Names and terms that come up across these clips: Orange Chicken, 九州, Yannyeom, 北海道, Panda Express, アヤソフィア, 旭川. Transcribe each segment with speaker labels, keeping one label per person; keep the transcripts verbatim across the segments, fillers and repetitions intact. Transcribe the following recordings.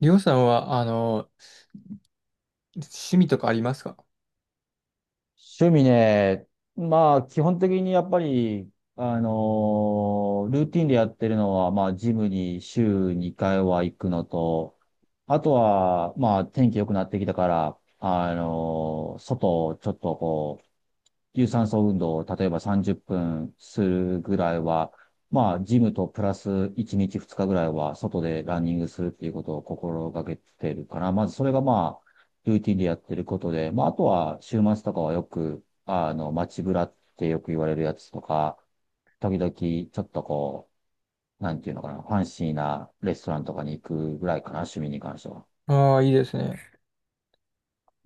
Speaker 1: りょうさんは、あの、趣味とかありますか？
Speaker 2: 趣味ね、まあ、基本的にやっぱり、あのールーティンでやってるのは、まあ、ジムに週にかいは行くのと、あとは、まあ、天気良くなってきたから、あのー外をちょっと有酸素運動を例えばさんじゅっぷんするぐらいは、まあ、ジムとプラスいちにちふつかぐらいは外でランニングするっていうことを心がけてるから、まずそれがまあ、ルーティンでやってることで、まあ、あとは週末とかはよく、あの、街ブラってよく言われるやつとか、時々ちょっとこう、なんていうのかな、ファンシーなレストランとかに行くぐらいかな、趣味に関しては。
Speaker 1: ああー、いいですね。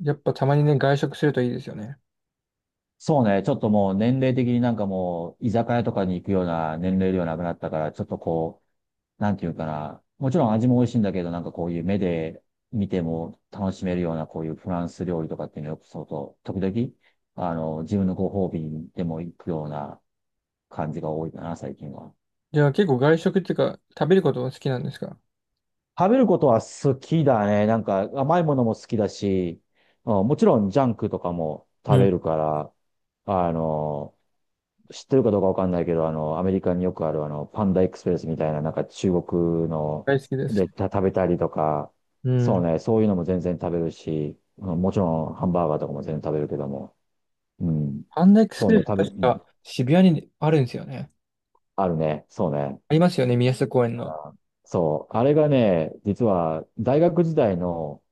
Speaker 1: やっぱたまにね、外食するといいですよね。
Speaker 2: そうね、ちょっともう年齢的になんかもう、居酒屋とかに行くような年齢ではなくなったから、ちょっとこなんていうかな、もちろん味も美味しいんだけど、なんかこういう目で見ても楽しめるようなこういうフランス料理とかっていうのよくそうと、時々、あの、自分のご褒美にでも行くような感じが多いかな、最近は。
Speaker 1: じゃあ結構外食っていうか、食べることも好きなんですか？
Speaker 2: 食べることは好きだね。なんか甘いものも好きだし、うん、もちろんジャンクとかも
Speaker 1: う
Speaker 2: 食べ
Speaker 1: ん。
Speaker 2: るから、あの、知ってるかどうかわかんないけど、あの、アメリカによくある、あの、パンダエクスプレスみたいな、なんか中国の
Speaker 1: 大好きです。
Speaker 2: でた食べたりとか、
Speaker 1: う
Speaker 2: そう
Speaker 1: ん。
Speaker 2: ね、そういうのも全然食べるし、あのもちろんハンバーガーとかも全然食べるけども、うん。
Speaker 1: パンダエクス
Speaker 2: そ
Speaker 1: プ
Speaker 2: うね、
Speaker 1: レス
Speaker 2: 食べ、う
Speaker 1: 確
Speaker 2: ん、
Speaker 1: か渋谷にあるんですよね。
Speaker 2: あるね、そうね。
Speaker 1: ありますよね、宮下公園の。
Speaker 2: そう、あれがね、実は大学時代の、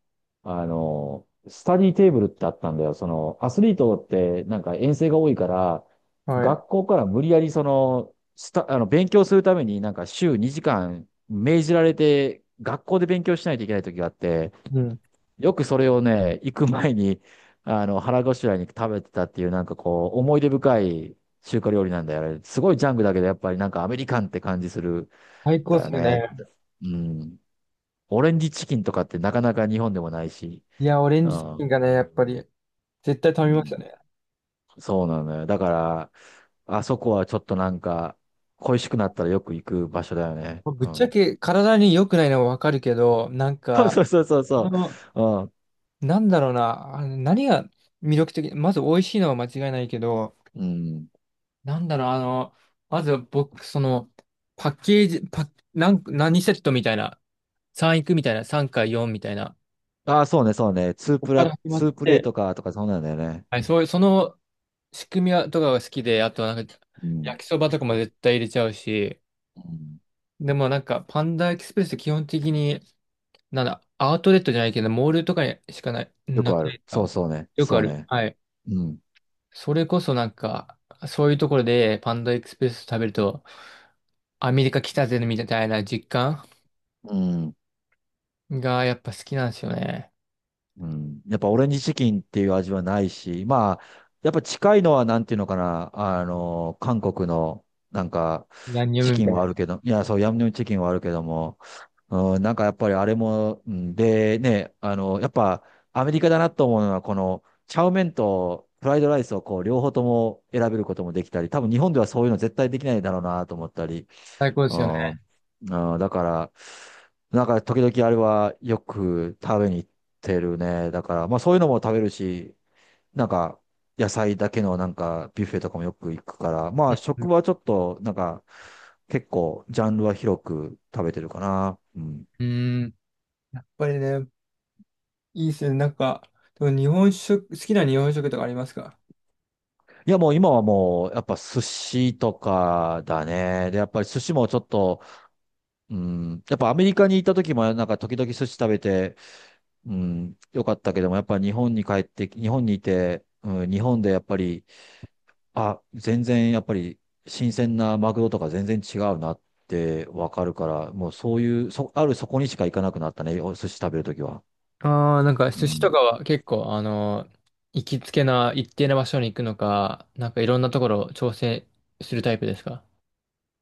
Speaker 2: あの、スタディテーブルってあったんだよ。その、アスリートってなんか遠征が多いから、
Speaker 1: はい。
Speaker 2: 学校から無理やりその、スタ、あの、勉強するためになんか週にじかん命じられて、学校で勉強しないといけない時があって、
Speaker 1: うん。
Speaker 2: よくそれをね、行く前に、あの、腹ごしらえに食べてたっていうなんかこう、思い出深い中華料理なんだよね。あれすごいジャンクだけど、やっぱりなんかアメリカンって感じする。
Speaker 1: 最高っ
Speaker 2: だ
Speaker 1: す
Speaker 2: よ
Speaker 1: よ
Speaker 2: ね。
Speaker 1: ね。
Speaker 2: うん。オレンジチキンとかってなかなか日本でもないし。
Speaker 1: いや、オレン
Speaker 2: う
Speaker 1: ジチキン
Speaker 2: ん。
Speaker 1: がね、やっぱり、絶対食
Speaker 2: う
Speaker 1: べました
Speaker 2: ん。
Speaker 1: ね。
Speaker 2: そうなのよ。だから、あそこはちょっとなんか、恋しくなったらよく行く場所だよね。
Speaker 1: ぶっ
Speaker 2: う
Speaker 1: ちゃ
Speaker 2: ん。
Speaker 1: け体に良くないのはわかるけど、なん
Speaker 2: そう
Speaker 1: か、
Speaker 2: そうそうそう
Speaker 1: こ
Speaker 2: そ
Speaker 1: の、
Speaker 2: う。
Speaker 1: なんだろうな、あの何が魅力的、まず美味しいのは間違いないけど、
Speaker 2: うん。うん。
Speaker 1: なんだろう、あの、まず僕、その、パッケージ、パッ、なん何セットみたいな、さんいくみたいな、さんかよんみたいな、
Speaker 2: ああ、そうね、そうね。ツー
Speaker 1: ここ
Speaker 2: プ
Speaker 1: から
Speaker 2: ラ、
Speaker 1: 始まっ
Speaker 2: ツープレイ
Speaker 1: て、
Speaker 2: とか、とかそうなんだよね。
Speaker 1: はい、そういう、その仕組みはとかが好きで、あとなんか、
Speaker 2: う
Speaker 1: 焼
Speaker 2: ん。
Speaker 1: きそばとかも絶対入れちゃうし、
Speaker 2: うん。
Speaker 1: でもなんか、パンダエキスプレスって基本的に、なんだ、アウトレットじゃないけど、モールとかにしかない、
Speaker 2: よ
Speaker 1: な
Speaker 2: くあ
Speaker 1: くな
Speaker 2: る。
Speaker 1: いです
Speaker 2: そう
Speaker 1: か。
Speaker 2: そうね。
Speaker 1: よくあ
Speaker 2: そう
Speaker 1: る。
Speaker 2: ね。
Speaker 1: はい。
Speaker 2: うん。
Speaker 1: それこそなんか、そういうところでパンダエクスプレス食べると、アメリカ来たぜみたいな実感
Speaker 2: うん。
Speaker 1: がやっぱ好きなんですよね。
Speaker 2: うん。やっぱオレンジチキンっていう味はないし、まあ、やっぱ近いのはなんていうのかな、あの、韓国のなんか
Speaker 1: ヤンニョ
Speaker 2: チ
Speaker 1: ムみ
Speaker 2: キン
Speaker 1: たい
Speaker 2: はある
Speaker 1: な。
Speaker 2: けど、いや、そう、ヤムニョムチキンはあるけども、うん、なんかやっぱりあれも、うん、でね、あの、やっぱアメリカだなと思うのは、この、チャウメンとフライドライスをこう、両方とも選べることもできたり、多分日本ではそういうの絶対できないだろうなと思ったり、
Speaker 1: 最高で
Speaker 2: う
Speaker 1: すよね。
Speaker 2: ん、うん、だから、なんか時々あれはよく食べに行ってるね。だから、まあそういうのも食べるし、なんか野菜だけのなんかビュッフェとかもよく行くから、ま
Speaker 1: う
Speaker 2: あ
Speaker 1: ん。
Speaker 2: 食はちょっとなんか結構ジャンルは広く食べてるかな。うん。
Speaker 1: うん。やっぱりね、いいっすよね。なんか、でも日本食、好きな日本食とかありますか？
Speaker 2: いやもう今はもうやっぱ寿司とかだね。で、やっぱり寿司もちょっと、うん、やっぱアメリカに行った時もなんか時々寿司食べて、うん、よかったけども、やっぱり日本に帰って日本にいて、うん、日本でやっぱり、あ、全然やっぱり新鮮なマグロとか全然違うなってわかるから、もうそういう、そ、あるそこにしか行かなくなったね、お寿司食べるときは。
Speaker 1: ああ、なんか
Speaker 2: う
Speaker 1: 寿司と
Speaker 2: ん。
Speaker 1: かは結構、あの、行きつけな一定な場所に行くのか、なんかいろんなところを調整するタイプですか？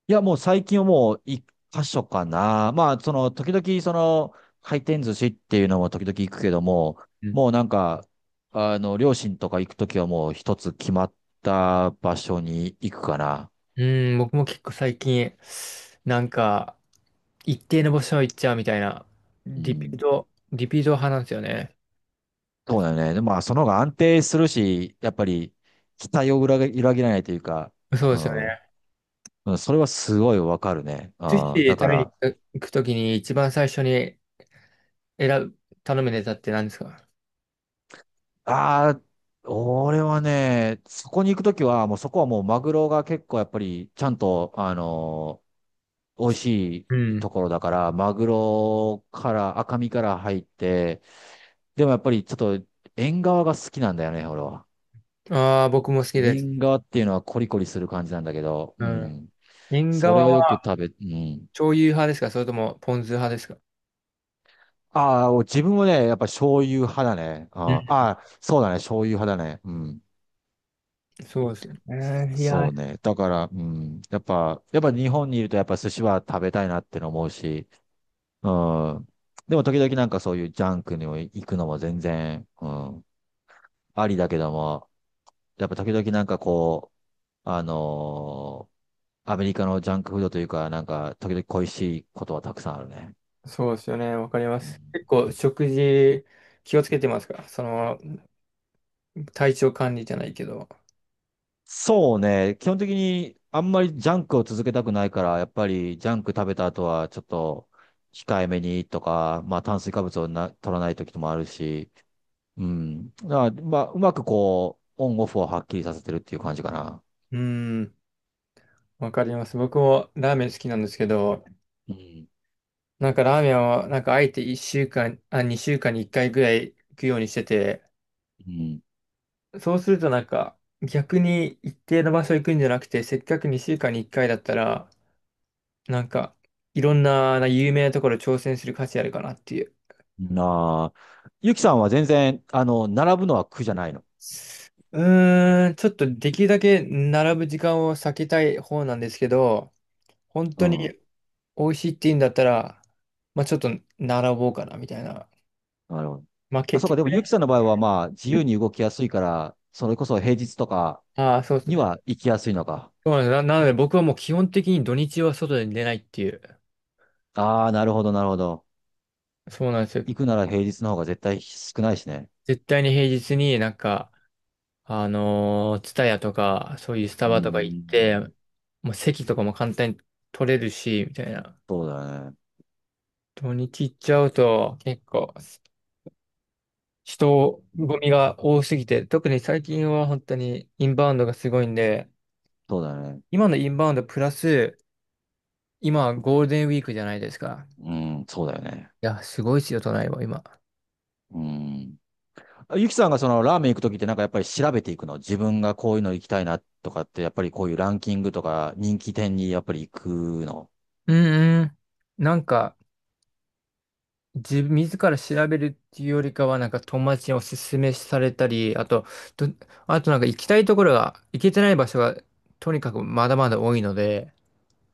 Speaker 2: いや、もう最近はもう一箇所かな。まあ、その、時々その、回転寿司っていうのも時々行くけども、
Speaker 1: うん、
Speaker 2: もうなんか、あの、両親とか行くときはもう一つ決まった場所に行くかな。
Speaker 1: うん僕も結構最近、なんか、一定の場所行っちゃうみたいな、
Speaker 2: う
Speaker 1: リピー
Speaker 2: ん、
Speaker 1: ト、リピート派なんですよね。
Speaker 2: そうだよね。でも、まあ、その方が安定するし、やっぱり期待を裏切裏切らないというか、
Speaker 1: そう
Speaker 2: う
Speaker 1: ですよね。
Speaker 2: ん、うん、それはすごいわかるね。
Speaker 1: 寿司
Speaker 2: うん、だ
Speaker 1: 食
Speaker 2: か
Speaker 1: べに
Speaker 2: ら、
Speaker 1: 行くときに一番最初に選ぶ、頼むネタって何ですか？
Speaker 2: ああ、俺はね、そこに行くときは、もうそこはもうマグロが結構やっぱりちゃんと、あのー美味し
Speaker 1: う
Speaker 2: い
Speaker 1: ん。
Speaker 2: ところだから、マグロから赤身から入って、でもやっぱりちょっと縁側が好きなんだよね、俺は。
Speaker 1: ああ、僕も好きです。
Speaker 2: 縁側っていうのはコリコリする感じなんだけど、
Speaker 1: う
Speaker 2: う
Speaker 1: ん。
Speaker 2: ん、
Speaker 1: 縁
Speaker 2: それ
Speaker 1: 側
Speaker 2: をよく
Speaker 1: は
Speaker 2: 食べ、うん。
Speaker 1: 醤油派ですか、それともポン酢派ですか？
Speaker 2: ああ、自分もね、やっぱ醤油派だね。
Speaker 1: うん。
Speaker 2: あーあー、そうだね、醤油派だね。うん。
Speaker 1: そうですね。い
Speaker 2: そ
Speaker 1: や、
Speaker 2: うね。だから、うん。やっぱ、やっぱ日本にいるとやっぱ寿司は食べたいなっての思うし、うん。でも時々なんかそういうジャンクにも行くのも全然、うん。ありだけども、やっぱ時々なんかこう、あのーアメリカのジャンクフードというか、なんか時々恋しいことはたくさんあるね。
Speaker 1: そうですよね。わかりま
Speaker 2: うん、
Speaker 1: す。結構食事気をつけてますか、その体調管理じゃないけど。
Speaker 2: そうね。基本的にあんまりジャンクを続けたくないから、やっぱりジャンク食べた後はちょっと控えめにとか、まあ炭水化物をな取らない時もあるし、うん。だからまあ、うまくこう、オンオフをはっきりさせてるっていう感じかな。
Speaker 1: うん。わかります。僕もラーメン好きなんですけど、
Speaker 2: うん。
Speaker 1: なんかラーメンは、なんかあえていっしゅうかん、あ、にしゅうかんにいっかいぐらい行くようにしてて、
Speaker 2: うん。
Speaker 1: そうするとなんか逆に一定の場所行くんじゃなくて、せっかくにしゅうかんにいっかいだったら、なんかいろんな、な有名なところ挑戦する価値あるかなっていう。
Speaker 2: なあ。ゆきさんは全然、あの、並ぶのは苦じゃないの。
Speaker 1: うーん、ちょっとできるだけ並ぶ時間を避けたい方なんですけど、本
Speaker 2: う
Speaker 1: 当に
Speaker 2: ん。
Speaker 1: 美味しいって言うんだったら、まあちょっと並ぼうかなみたいな。
Speaker 2: なるほど。
Speaker 1: まあ
Speaker 2: あ、そう
Speaker 1: 結
Speaker 2: か。でも
Speaker 1: 局
Speaker 2: ゆき
Speaker 1: ね。
Speaker 2: さんの場合はまあ、自由に動きやすいから、それこそ平日とか
Speaker 1: ああ、そうです
Speaker 2: に
Speaker 1: ね。
Speaker 2: は行きやすいのか。
Speaker 1: そうなんです。な、なので僕はもう基本的に土日は外に出ないっていう。
Speaker 2: ああ、なるほど、なるほど。
Speaker 1: そうなんですよ。
Speaker 2: 行くなら平日の方が絶対少ないしね。
Speaker 1: 絶対に平日になんか、あのー、ツタヤとか、そういうスタ
Speaker 2: う
Speaker 1: バとか行っ
Speaker 2: ー
Speaker 1: て、
Speaker 2: ん。
Speaker 1: もう席とかも簡単に取れるし、みたいな。
Speaker 2: そうだよね。
Speaker 1: 土日行っちゃうと結構人
Speaker 2: う
Speaker 1: 混み
Speaker 2: ん、
Speaker 1: が多すぎて、特に最近は本当にインバウンドがすごいんで、
Speaker 2: そうだよね。
Speaker 1: 今のインバウンドプラス、今ゴールデンウィークじゃないですか。
Speaker 2: うん、そうだよね。
Speaker 1: いや、すごいですよ、都内は今。
Speaker 2: うん。ゆきさんがそのラーメン行くときってなんかやっぱり調べていくの、自分がこういうの行きたいなとかってやっぱりこういうランキングとか人気店にやっぱり行くの。
Speaker 1: うんうん。なんか、自分、自ら調べるっていうよりかは、なんか友達におすすめされたり、あと、と、あとなんか行きたいところが、行けてない場所が、とにかくまだまだ多いので、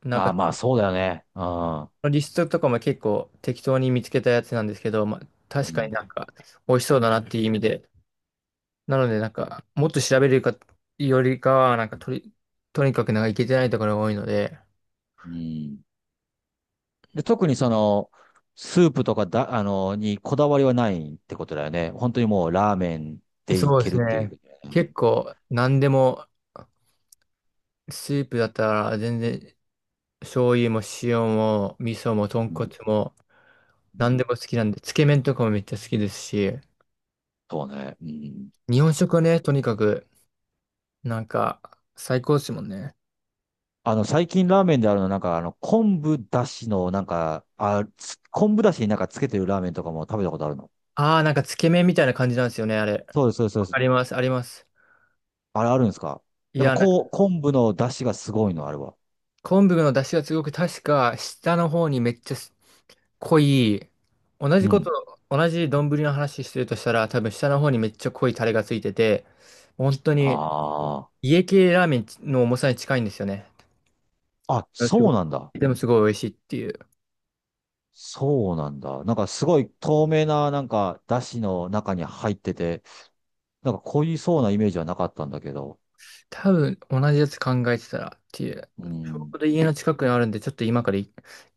Speaker 1: なん
Speaker 2: ああ、
Speaker 1: か、
Speaker 2: まあそうだよね。ああ。
Speaker 1: リストとかも結構適当に見つけたやつなんですけど、まあ、
Speaker 2: う
Speaker 1: 確かに
Speaker 2: ん。
Speaker 1: なんか、美味しそうだなっていう意味で、なのでなんか、もっと調べるか、よりかは、なんかとり、とにかくなんか行けてないところが多いので、
Speaker 2: うん。で、特にその、スープとかだ、あの、にこだわりはないってことだよね。本当にもうラーメンでい
Speaker 1: そうで
Speaker 2: け
Speaker 1: す
Speaker 2: るっていう。
Speaker 1: ね。結構、何でも、スープだったら全然醤油も塩も味噌も豚
Speaker 2: うん。
Speaker 1: 骨も
Speaker 2: う
Speaker 1: 何
Speaker 2: ん、
Speaker 1: でも好きなんで、つけ麺とかもめっちゃ好きですし、
Speaker 2: そうね。うん。
Speaker 1: 日本食はね、とにかく、なんか、最高ですもんね。
Speaker 2: あの、最近ラーメンであるの、なんか、あの、昆布だしの、なんか、あ、つ昆布だしになんかつけてるラーメンとかも食べたことあるの。
Speaker 1: ああ、なんかつけ麺みたいな感じなんですよね、あれ。
Speaker 2: そうです、そうです、そ
Speaker 1: わ
Speaker 2: うで
Speaker 1: かり
Speaker 2: す。
Speaker 1: ます、あります。
Speaker 2: あれあるんですか？
Speaker 1: い
Speaker 2: やっぱ
Speaker 1: や、なんか
Speaker 2: こう、昆布のだしがすごいの、あれは。
Speaker 1: 昆布の出汁がすごく確か下の方にめっちゃ濃い、同
Speaker 2: う
Speaker 1: じこ
Speaker 2: ん。
Speaker 1: と、同じ丼の話してるとしたら、多分下の方にめっちゃ濃いタレがついてて、本当に
Speaker 2: あ
Speaker 1: 家系ラーメンの重さに近いんですよね。
Speaker 2: あ。あ、
Speaker 1: あすご
Speaker 2: そ
Speaker 1: い
Speaker 2: うなんだ。
Speaker 1: でもすごい美味しいっていう。
Speaker 2: そうなんだ。なんかすごい透明な、なんか、だしの中に入ってて、なんか濃いそうなイメージはなかったんだけど。
Speaker 1: 多分同じやつ考えてたらっていう。
Speaker 2: う
Speaker 1: ちょ
Speaker 2: ん。
Speaker 1: うど家の近くにあるんで、ちょっと今からい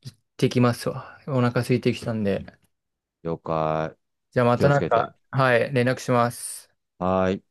Speaker 1: 行ってきますわ。お腹空いてきたんで。
Speaker 2: 了解。
Speaker 1: じゃあま
Speaker 2: 気
Speaker 1: た
Speaker 2: をつ
Speaker 1: なん
Speaker 2: けて。
Speaker 1: か、はい、連絡します。
Speaker 2: はーい。